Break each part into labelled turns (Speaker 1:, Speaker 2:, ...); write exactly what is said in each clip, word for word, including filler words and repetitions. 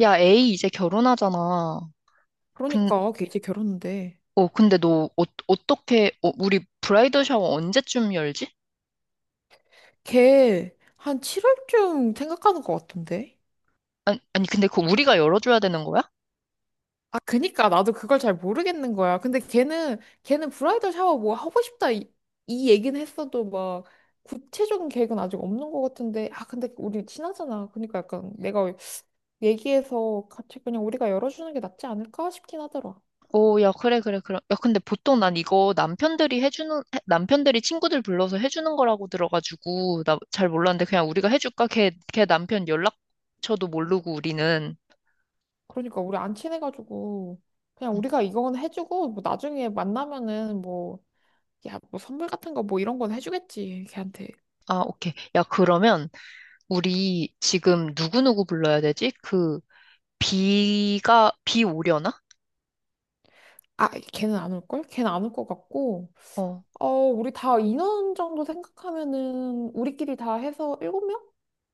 Speaker 1: 야, 에이 이제 결혼하잖아. 근,
Speaker 2: 그러니까 걔 이제 결혼인데,
Speaker 1: 어, 근데 너 어, 어떻게 어, 우리 브라이더 샤워 언제쯤 열지?
Speaker 2: 걔 한 칠월쯤 생각하는 것 같은데.
Speaker 1: 아니, 아니 근데 그거 우리가 열어줘야 되는 거야?
Speaker 2: 아, 그니까 나도 그걸 잘 모르겠는 거야. 근데 걔는 걔는 브라이덜 샤워 뭐 하고 싶다 이, 이 얘기는 했어도 막 구체적인 계획은 아직 없는 것 같은데. 아, 근데 우리 친하잖아. 그러니까 약간 내가 얘기해서 같이 그냥 우리가 열어주는 게 낫지 않을까 싶긴 하더라.
Speaker 1: 오, 야, 그래, 그래, 그래. 야, 근데 보통 난 이거 남편들이 해주는, 해- 남편들이 친구들 불러서 해주는 거라고 들어가지고, 나 잘 몰랐는데 그냥 우리가 해줄까? 걔, 걔 남편 연락처도 모르고 우리는.
Speaker 2: 그러니까 우리 안 친해가지고 그냥
Speaker 1: 음,
Speaker 2: 우리가 이건 해주고 뭐 나중에 만나면은 뭐. 야, 뭐 선물 같은 거 뭐 이런 건 해주겠지, 걔한테.
Speaker 1: 아, 오케이. 야, 그러면 우리 지금 누구누구 불러야 되지? 그, 비가, 비 오려나?
Speaker 2: 아, 걔는 안 올걸? 걔는 안 올 것 같고.
Speaker 1: 어.
Speaker 2: 어, 우리 다 인원 정도 생각하면은 우리끼리 다 해서 일곱 명.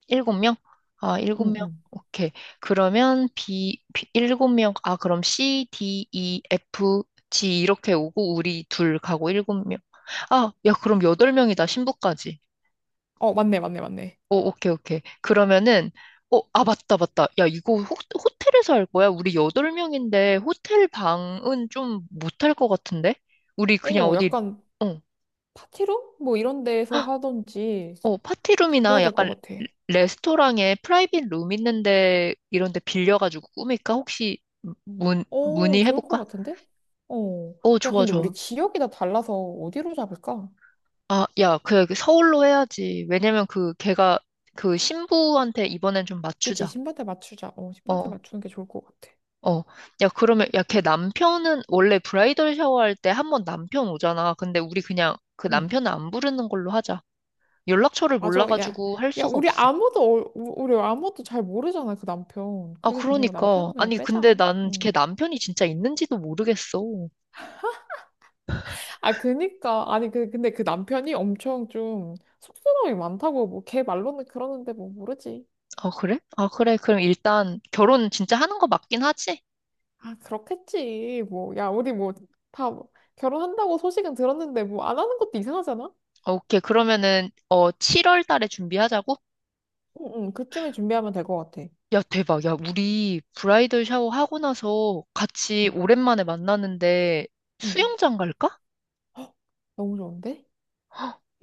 Speaker 1: 일곱 명? 아, 일곱
Speaker 2: 응,
Speaker 1: 명.
Speaker 2: 응.
Speaker 1: 오케이. 그러면 B, B 일곱 명. 아, 그럼 C, D, E, F, G 이렇게 오고 우리 둘 가고 일곱 명. 아, 야, 그럼 여덟 명이다. 신부까지.
Speaker 2: 어, 맞네, 맞네, 맞네.
Speaker 1: 오, 오케이, 오케이. 그러면은 어, 아, 맞다, 맞다. 야, 이거 호, 호텔에서 할 거야? 우리 여덟 명인데 호텔 방은 좀 못 할 것 같은데? 우리 그냥
Speaker 2: 어,
Speaker 1: 어디
Speaker 2: 약간
Speaker 1: 어.
Speaker 2: 파티룸? 뭐 이런 데에서 하던지
Speaker 1: 어,
Speaker 2: 그래야
Speaker 1: 파티룸이나
Speaker 2: 될 것
Speaker 1: 약간
Speaker 2: 같아.
Speaker 1: 레스토랑에 프라이빗 룸 있는데 이런 데 빌려가지고 꾸밀까? 혹시 문,
Speaker 2: 어, 좋을 것
Speaker 1: 문의해볼까?
Speaker 2: 같은데? 어.
Speaker 1: 어,
Speaker 2: 야,
Speaker 1: 좋아,
Speaker 2: 근데 우리
Speaker 1: 좋아.
Speaker 2: 지역이 다 달라서 어디로 잡을까?
Speaker 1: 아, 야, 그 서울로 해야지. 왜냐면 그 걔가 그 신부한테 이번엔 좀
Speaker 2: 그지?
Speaker 1: 맞추자.
Speaker 2: 신반대 맞추자. 어, 신반대
Speaker 1: 어,
Speaker 2: 맞추는 게 좋을 것 같아.
Speaker 1: 어. 야, 그러면 야, 걔 남편은 원래 브라이덜 샤워할 때 한 번 남편 오잖아. 근데 우리 그냥 그
Speaker 2: 응.
Speaker 1: 남편은 안 부르는 걸로 하자. 연락처를
Speaker 2: 맞아. 야,
Speaker 1: 몰라가지고 할
Speaker 2: 야,
Speaker 1: 수가
Speaker 2: 우리
Speaker 1: 없어.
Speaker 2: 아무도, 어- 우- 우리 아무도 잘 모르잖아, 그 남편.
Speaker 1: 아,
Speaker 2: 그래서 그냥
Speaker 1: 그러니까.
Speaker 2: 남편은 그냥
Speaker 1: 아니, 근데
Speaker 2: 빼자.
Speaker 1: 난 걔
Speaker 2: 응.
Speaker 1: 남편이 진짜 있는지도 모르겠어.
Speaker 2: 아, 그니까. 아니, 그, 근데 그 남편이 엄청 좀 쑥스러움이 많다고, 뭐, 걔 말로는 그러는데 뭐, 모르지.
Speaker 1: 아, 그래? 아, 그래. 그럼 일단 결혼 진짜 하는 거 맞긴 하지?
Speaker 2: 아, 그렇겠지. 뭐, 야, 우리 뭐, 다 결혼한다고 소식은 들었는데 뭐, 안 하는 것도 이상하잖아?
Speaker 1: 아, 오케이. 그러면은, 어, 칠월 달에 준비하자고?
Speaker 2: 응, 응, 그쯤에 준비하면 될 것 같아.
Speaker 1: 야, 대박. 야, 우리 브라이덜 샤워 하고 나서 같이
Speaker 2: 응.
Speaker 1: 오랜만에 만나는데
Speaker 2: 응.
Speaker 1: 수영장 갈까?
Speaker 2: 헉, 너무 좋은데?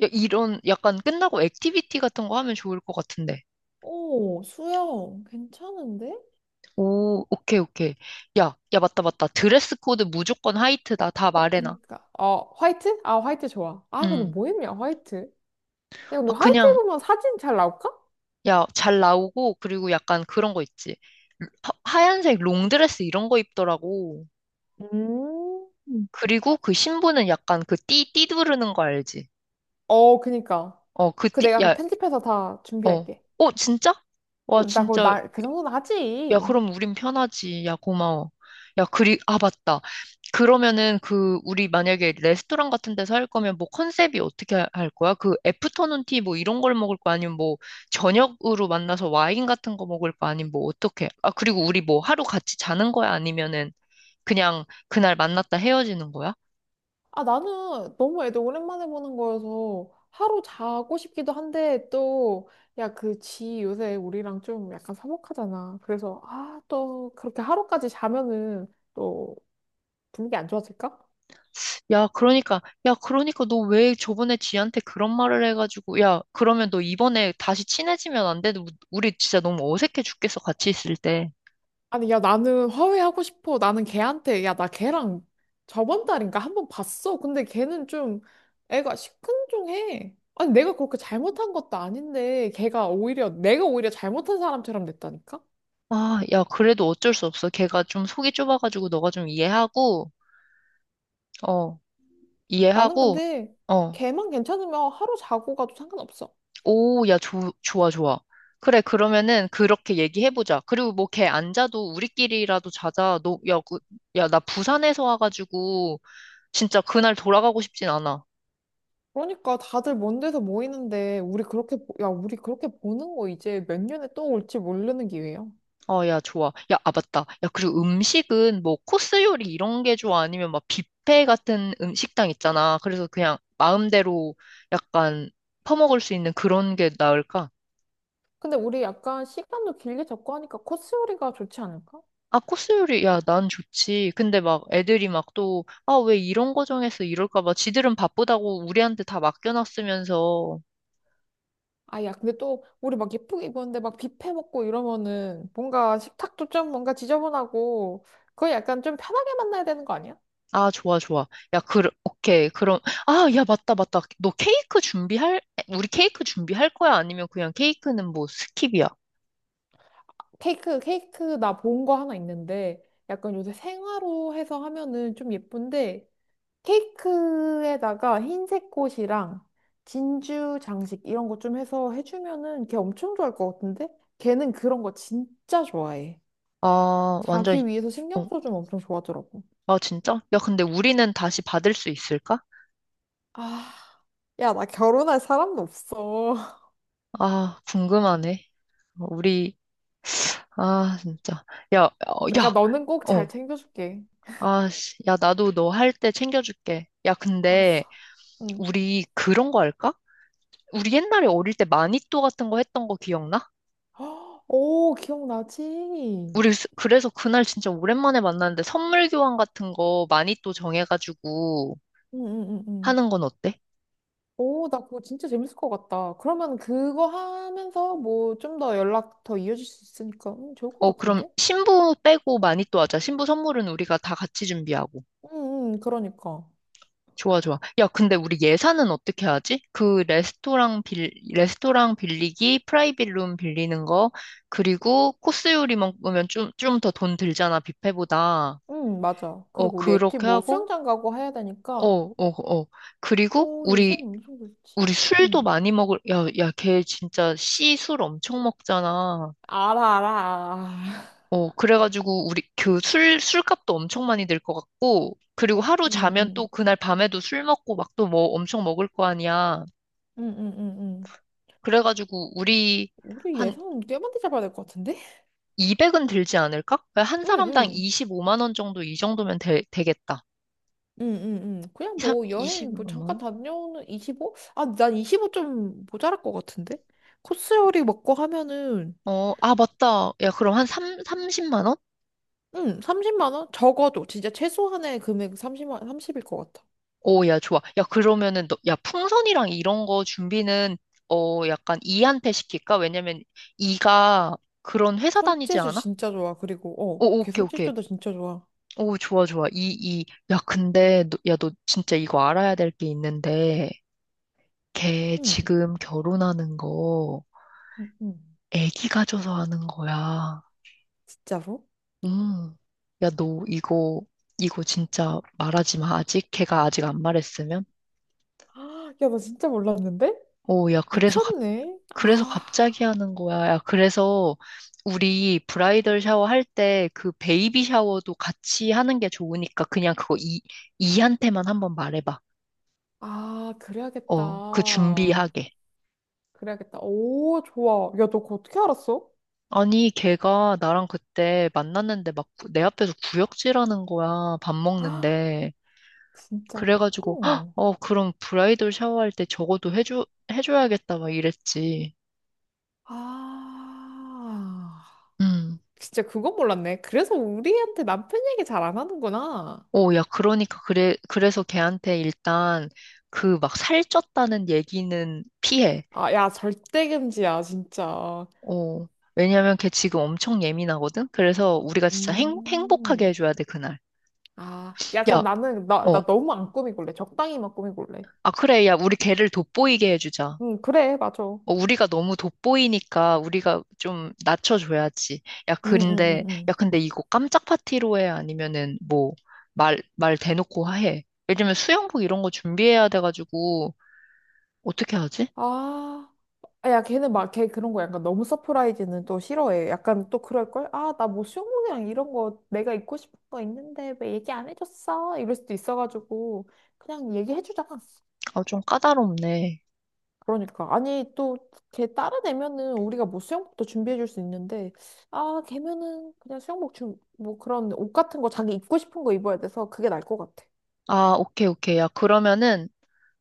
Speaker 1: 야, 이런 약간 끝나고 액티비티 같은 거 하면 좋을 것 같은데.
Speaker 2: 오, 수영, 괜찮은데?
Speaker 1: 오, 오케이, 오케이. 야, 야, 맞다, 맞다. 드레스 코드 무조건 화이트다. 다 말해놔.
Speaker 2: 그니까. 어, 화이트? 아, 화이트 좋아. 아, 근데
Speaker 1: 응.
Speaker 2: 뭐 입냐, 화이트? 야, 근데
Speaker 1: 아,
Speaker 2: 화이트
Speaker 1: 그냥,
Speaker 2: 입으면 사진 잘 나올까?
Speaker 1: 야, 잘 나오고, 그리고 약간 그런 거 있지. 하- 하얀색 롱드레스 이런 거 입더라고.
Speaker 2: 음.
Speaker 1: 그리고 그 신부는 약간 그 띠, 띠 두르는 거 알지?
Speaker 2: 어, 그니까.
Speaker 1: 어, 그
Speaker 2: 그
Speaker 1: 띠,
Speaker 2: 내가 그
Speaker 1: 야,
Speaker 2: 편집해서 다
Speaker 1: 어.
Speaker 2: 준비할게.
Speaker 1: 어, 진짜? 와,
Speaker 2: 음, 나 그거
Speaker 1: 진짜.
Speaker 2: 나, 그 정도는
Speaker 1: 야,
Speaker 2: 하지.
Speaker 1: 그럼 우린 편하지. 야, 고마워. 야, 그리, 아, 맞다. 그러면은 그, 우리 만약에 레스토랑 같은 데서 할 거면 뭐 컨셉이 어떻게 하- 할 거야? 그 애프터눈 티 뭐 이런 걸 먹을 거 아니면 뭐 저녁으로 만나서 와인 같은 거 먹을 거 아니면 뭐 어떻게? 아, 그리고 우리 뭐 하루 같이 자는 거야? 아니면은 그냥 그날 만났다 헤어지는 거야?
Speaker 2: 아, 나는 너무 애들 오랜만에 보는 거여서 하루 자고 싶기도 한데 또, 야, 그 지 요새 우리랑 좀 약간 서먹하잖아. 그래서, 아, 또 그렇게 하루까지 자면은 또 분위기 안 좋아질까?
Speaker 1: 야, 그러니까, 야, 그러니까 너 왜 저번에 지한테 그런 말을 해가지고, 야, 그러면 너 이번에 다시 친해지면 안 돼? 너- 우리 진짜 너무 어색해 죽겠어, 같이 있을 때.
Speaker 2: 아니, 야, 나는 화해하고 싶어. 나는 걔한테, 야, 나 걔랑 저번 달인가 한 번 봤어. 근데 걔는 좀 애가 시큰둥해. 아니, 내가 그렇게 잘못한 것도 아닌데, 걔가 오히려, 내가 오히려 잘못한 사람처럼 됐다니까?
Speaker 1: 아, 야, 그래도 어쩔 수 없어. 걔가 좀 속이 좁아가지고 너가 좀 이해하고, 어,
Speaker 2: 나는
Speaker 1: 이해하고,
Speaker 2: 근데
Speaker 1: 어,
Speaker 2: 걔만 괜찮으면 하루 자고 가도 상관없어.
Speaker 1: 오, 야, 조, 좋아, 좋아. 그래, 그러면은 그렇게 얘기해보자. 그리고 뭐 걔 안 자도 우리끼리라도 자자. 너, 야, 그, 야, 나 부산에서 와가지고 진짜 그날 돌아가고 싶진 않아.
Speaker 2: 그러니까 다들 먼 데서 모이는데, 우리 그렇게, 보- 야, 우리 그렇게 보는 거 이제 몇 년에 또 올지 모르는 기회야.
Speaker 1: 어, 야, 좋아. 야, 아, 맞다. 야, 그리고 음식은 뭐 코스 요리 이런 게 좋아? 아니면 막 뷔페 같은 음식당 있잖아. 그래서 그냥 마음대로 약간 퍼먹을 수 있는 그런 게 나을까?
Speaker 2: 근데 우리 약간 시간도 길게 잡고 하니까 코스 요리가 좋지 않을까?
Speaker 1: 아, 코스 요리, 야, 난 좋지. 근데 막 애들이 막 또, 아, 왜 이런 거 정해서 이럴까 봐. 지들은 바쁘다고 우리한테 다 맡겨놨으면서.
Speaker 2: 아, 야, 근데 또, 우리 막 예쁘게 입었는데 막 뷔페 먹고 이러면은 뭔가 식탁도 좀 뭔가 지저분하고, 그거 약간 좀 편하게 만나야 되는 거 아니야?
Speaker 1: 아, 좋아, 좋아. 야, 그, 오케이. 그럼, 아, 야, 맞다, 맞다. 너 케이크 준비할, 우리 케이크 준비할 거야? 아니면 그냥 케이크는 뭐 스킵이야?
Speaker 2: 케이크, 케이크 나 본 거 하나 있는데, 약간 요새 생화로 해서 하면은 좀 예쁜데, 케이크에다가 흰색 꽃이랑 진주 장식 이런 거 좀 해서 해주면은 걔 엄청 좋아할 것 같은데? 걔는 그런 거 진짜 좋아해.
Speaker 1: 아, 완전, 이-
Speaker 2: 자기 위해서 신경
Speaker 1: 어,
Speaker 2: 써주면 엄청 좋아하더라고.
Speaker 1: 아, 진짜? 야, 근데 우리는 다시 받을 수 있을까?
Speaker 2: 아, 야, 나 결혼할 사람도 없어.
Speaker 1: 아, 궁금하네. 어, 우리, 아, 진짜. 야, 어,
Speaker 2: 내가
Speaker 1: 야,
Speaker 2: 너는 꼭
Speaker 1: 어.
Speaker 2: 잘 챙겨줄게.
Speaker 1: 아, 씨, 야, 나도 너 할 때 챙겨줄게. 야, 근데
Speaker 2: 알았어. 응.
Speaker 1: 우리 그런 거 할까? 우리 옛날에 어릴 때 마니또 같은 거 했던 거 기억나?
Speaker 2: 오, 기억나지? 응,
Speaker 1: 우리 스- 그래서 그날 진짜 오랜만에 만났는데 선물 교환 같은 거 마니또 정해가지고
Speaker 2: 응, 응, 응.
Speaker 1: 하는 건 어때?
Speaker 2: 오, 나 그거 진짜 재밌을 것 같다. 그러면 그거 하면서 뭐 좀 더 연락 더 이어질 수 있으니까 음, 좋을 것
Speaker 1: 어, 그럼
Speaker 2: 같은데?
Speaker 1: 신부 빼고 마니또 하자. 신부 선물은 우리가 다 같이 준비하고.
Speaker 2: 응, 응, 그러니까.
Speaker 1: 좋아, 좋아. 야, 근데 우리 예산은 어떻게 하지? 그 레스토랑 빌, 레스토랑 빌리기, 프라이빗 룸 빌리는 거, 그리고 코스 요리 먹으면 좀, 좀 더 돈 들잖아, 뷔페보다.
Speaker 2: 응, 맞아.
Speaker 1: 어,
Speaker 2: 그리고 우리 액티브
Speaker 1: 그렇게
Speaker 2: 뭐
Speaker 1: 하고,
Speaker 2: 수영장 가고 해야
Speaker 1: 어,
Speaker 2: 되니까.
Speaker 1: 어, 어. 그리고
Speaker 2: 오, 예산
Speaker 1: 우리,
Speaker 2: 어느 정도 있지?
Speaker 1: 우리 술도
Speaker 2: 응.
Speaker 1: 많이 먹을, 야, 야, 걔 진짜 씨 술 엄청 먹잖아.
Speaker 2: 알아, 알아, 알아.
Speaker 1: 어, 그래가지고 우리 그 술, 술값도 엄청 많이 들 것 같고, 그리고 하루
Speaker 2: 응,
Speaker 1: 자면
Speaker 2: 응.
Speaker 1: 또 그날 밤에도 술 먹고 막 또 뭐 엄청 먹을 거 아니야.
Speaker 2: 응, 응, 응, 응.
Speaker 1: 그래가지고 우리
Speaker 2: 우리
Speaker 1: 한
Speaker 2: 예산 꽤 많이 잡아야 될 것 같은데?
Speaker 1: 이백은 들지 않을까? 한
Speaker 2: 응,
Speaker 1: 사람당
Speaker 2: 응.
Speaker 1: 이십오만 원 정도 이 정도면 되, 되겠다.
Speaker 2: 응, 응, 응. 그냥
Speaker 1: 이
Speaker 2: 뭐 여행 뭐
Speaker 1: 이십오만
Speaker 2: 잠깐
Speaker 1: 원?
Speaker 2: 다녀오는 이십오? 아, 난 이십오 좀 모자랄 것 같은데? 코스 요리 먹고 하면은,
Speaker 1: 어, 아 맞다. 야 그럼 한 삼, 삼십만 원?
Speaker 2: 응, 삼십만 원? 적어도 진짜 최소한의 금액 삼십만, 삼십일 것 같아.
Speaker 1: 오, 야 좋아. 야 그러면은 너, 야 풍선이랑 이런 거 준비는 어 약간 이한테 시킬까? 왜냐면 이가 그런 회사 다니지
Speaker 2: 손재주
Speaker 1: 않아?
Speaker 2: 진짜 좋아. 그리고, 어,
Speaker 1: 오,
Speaker 2: 걔
Speaker 1: 오케이, 오케이.
Speaker 2: 손재주도 진짜 좋아.
Speaker 1: 오, 좋아, 좋아. 이, 이, 야, 근데, 너, 야, 너 진짜 이거 알아야 될 게 있는데, 걔
Speaker 2: 응,
Speaker 1: 지금 결혼하는 거,
Speaker 2: 응, 응.
Speaker 1: 애기가 줘서 하는 거야.
Speaker 2: 진짜로?
Speaker 1: 음. 야, 너 이거, 이거 진짜 말하지 마. 아직 걔가 아직 안 말했으면?
Speaker 2: 아, 야, 나 진짜 몰랐는데?
Speaker 1: 오, 야, 그래서 갑,
Speaker 2: 미쳤네.
Speaker 1: 그래서
Speaker 2: 아,
Speaker 1: 갑자기 하는 거야. 야, 그래서 우리 브라이덜 샤워 할 때 그 베이비 샤워도 같이 하는 게 좋으니까 그냥 그거 이, 이한테만 한번 말해봐.
Speaker 2: 아,
Speaker 1: 어, 그
Speaker 2: 그래야겠다.
Speaker 1: 준비하게.
Speaker 2: 그래야겠다. 오, 좋아. 야, 너 그거 어떻게 알았어?
Speaker 1: 아니, 걔가 나랑 그때 만났는데 막 내 앞에서 구역질하는 거야. 밥
Speaker 2: 아,
Speaker 1: 먹는데.
Speaker 2: 진짜.
Speaker 1: 그래가지고 "헉, 어 그럼 브라이덜 샤워할 때 저거도 해줘 해줘야겠다 막 이랬지.
Speaker 2: 아,
Speaker 1: 음.
Speaker 2: 진짜 그건 몰랐네. 그래서 우리한테 남편 얘기 잘 안 하는구나.
Speaker 1: 오, 야 그러니까 그래 그래서 걔한테 일단 그 막 살쪘다는 얘기는 피해.
Speaker 2: 아, 야, 절대 금지야, 진짜.
Speaker 1: 어. 왜냐면 걔 지금 엄청 예민하거든. 그래서 우리가 진짜 행, 행복하게
Speaker 2: 음.
Speaker 1: 해줘야 돼 그날.
Speaker 2: 아, 야, 그럼
Speaker 1: 야,
Speaker 2: 나는, 나,
Speaker 1: 어.
Speaker 2: 나 너무 안 꾸미길래. 적당히만 꾸미길래.
Speaker 1: 아 그래 야 우리 걔를 돋보이게 해주자.
Speaker 2: 응, 그래, 맞아. 응,
Speaker 1: 어, 우리가 너무 돋보이니까 우리가 좀 낮춰줘야지. 야,
Speaker 2: 응, 응,
Speaker 1: 근데,
Speaker 2: 응.
Speaker 1: 야, 근데 이거 깜짝 파티로 해? 아니면은 뭐, 말, 말 대놓고 해? 예를 들면 수영복 이런 거 준비해야 돼가지고, 어떻게 하지?
Speaker 2: 아, 아, 야, 걔는 막, 걔 그런 거 약간 너무 서프라이즈는 또 싫어해. 약간 또 그럴걸? 아, 나 뭐 수영복이랑 이런 거 내가 입고 싶은 거 있는데 왜 얘기 안 해줬어? 이럴 수도 있어가지고. 그냥 얘기해주자.
Speaker 1: 아, 좀 까다롭네.
Speaker 2: 그러니까 아니 또 걔 다른 애면은 우리가 뭐 수영복도 준비해 줄 수 있는데 아 걔면은 그냥 수영복 좀뭐 그런 옷 같은 거 자기 입고 싶은 거 입어야 돼서 그게 나을 것 같아.
Speaker 1: 아, 오케이, 오케이. 야, 그러면은,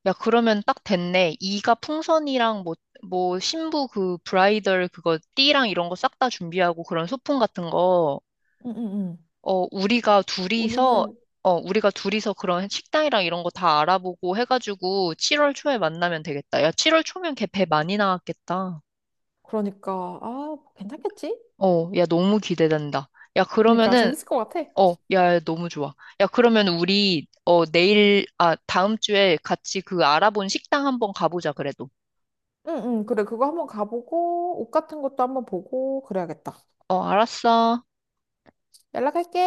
Speaker 1: 야, 그러면 딱 됐네. 이가 풍선이랑 뭐, 뭐, 신부 그 브라이덜 그거 띠랑 이런 거 싹 다 준비하고 그런 소품 같은 거.
Speaker 2: 응, 응, 응.
Speaker 1: 어, 우리가 둘이서,
Speaker 2: 우리는
Speaker 1: 어, 우리가 둘이서 그런 식당이랑 이런 거 다 알아보고 해가지고 칠월 초에 만나면 되겠다. 야, 칠월 초면 걔 배 많이 나왔겠다.
Speaker 2: 그러니까 아 괜찮겠지?
Speaker 1: 어, 야, 너무 기대된다. 야,
Speaker 2: 그러니까
Speaker 1: 그러면은,
Speaker 2: 재밌을 것 같아.
Speaker 1: 어, 야, 너무 좋아. 야, 그러면 우리, 어, 내일, 아, 다음 주에 같이 그 알아본 식당 한번 가보자, 그래도.
Speaker 2: 응응 그래 그거 한번 가보고 옷 같은 것도 한번 보고 그래야겠다.
Speaker 1: 어, 알았어.
Speaker 2: 연락할게.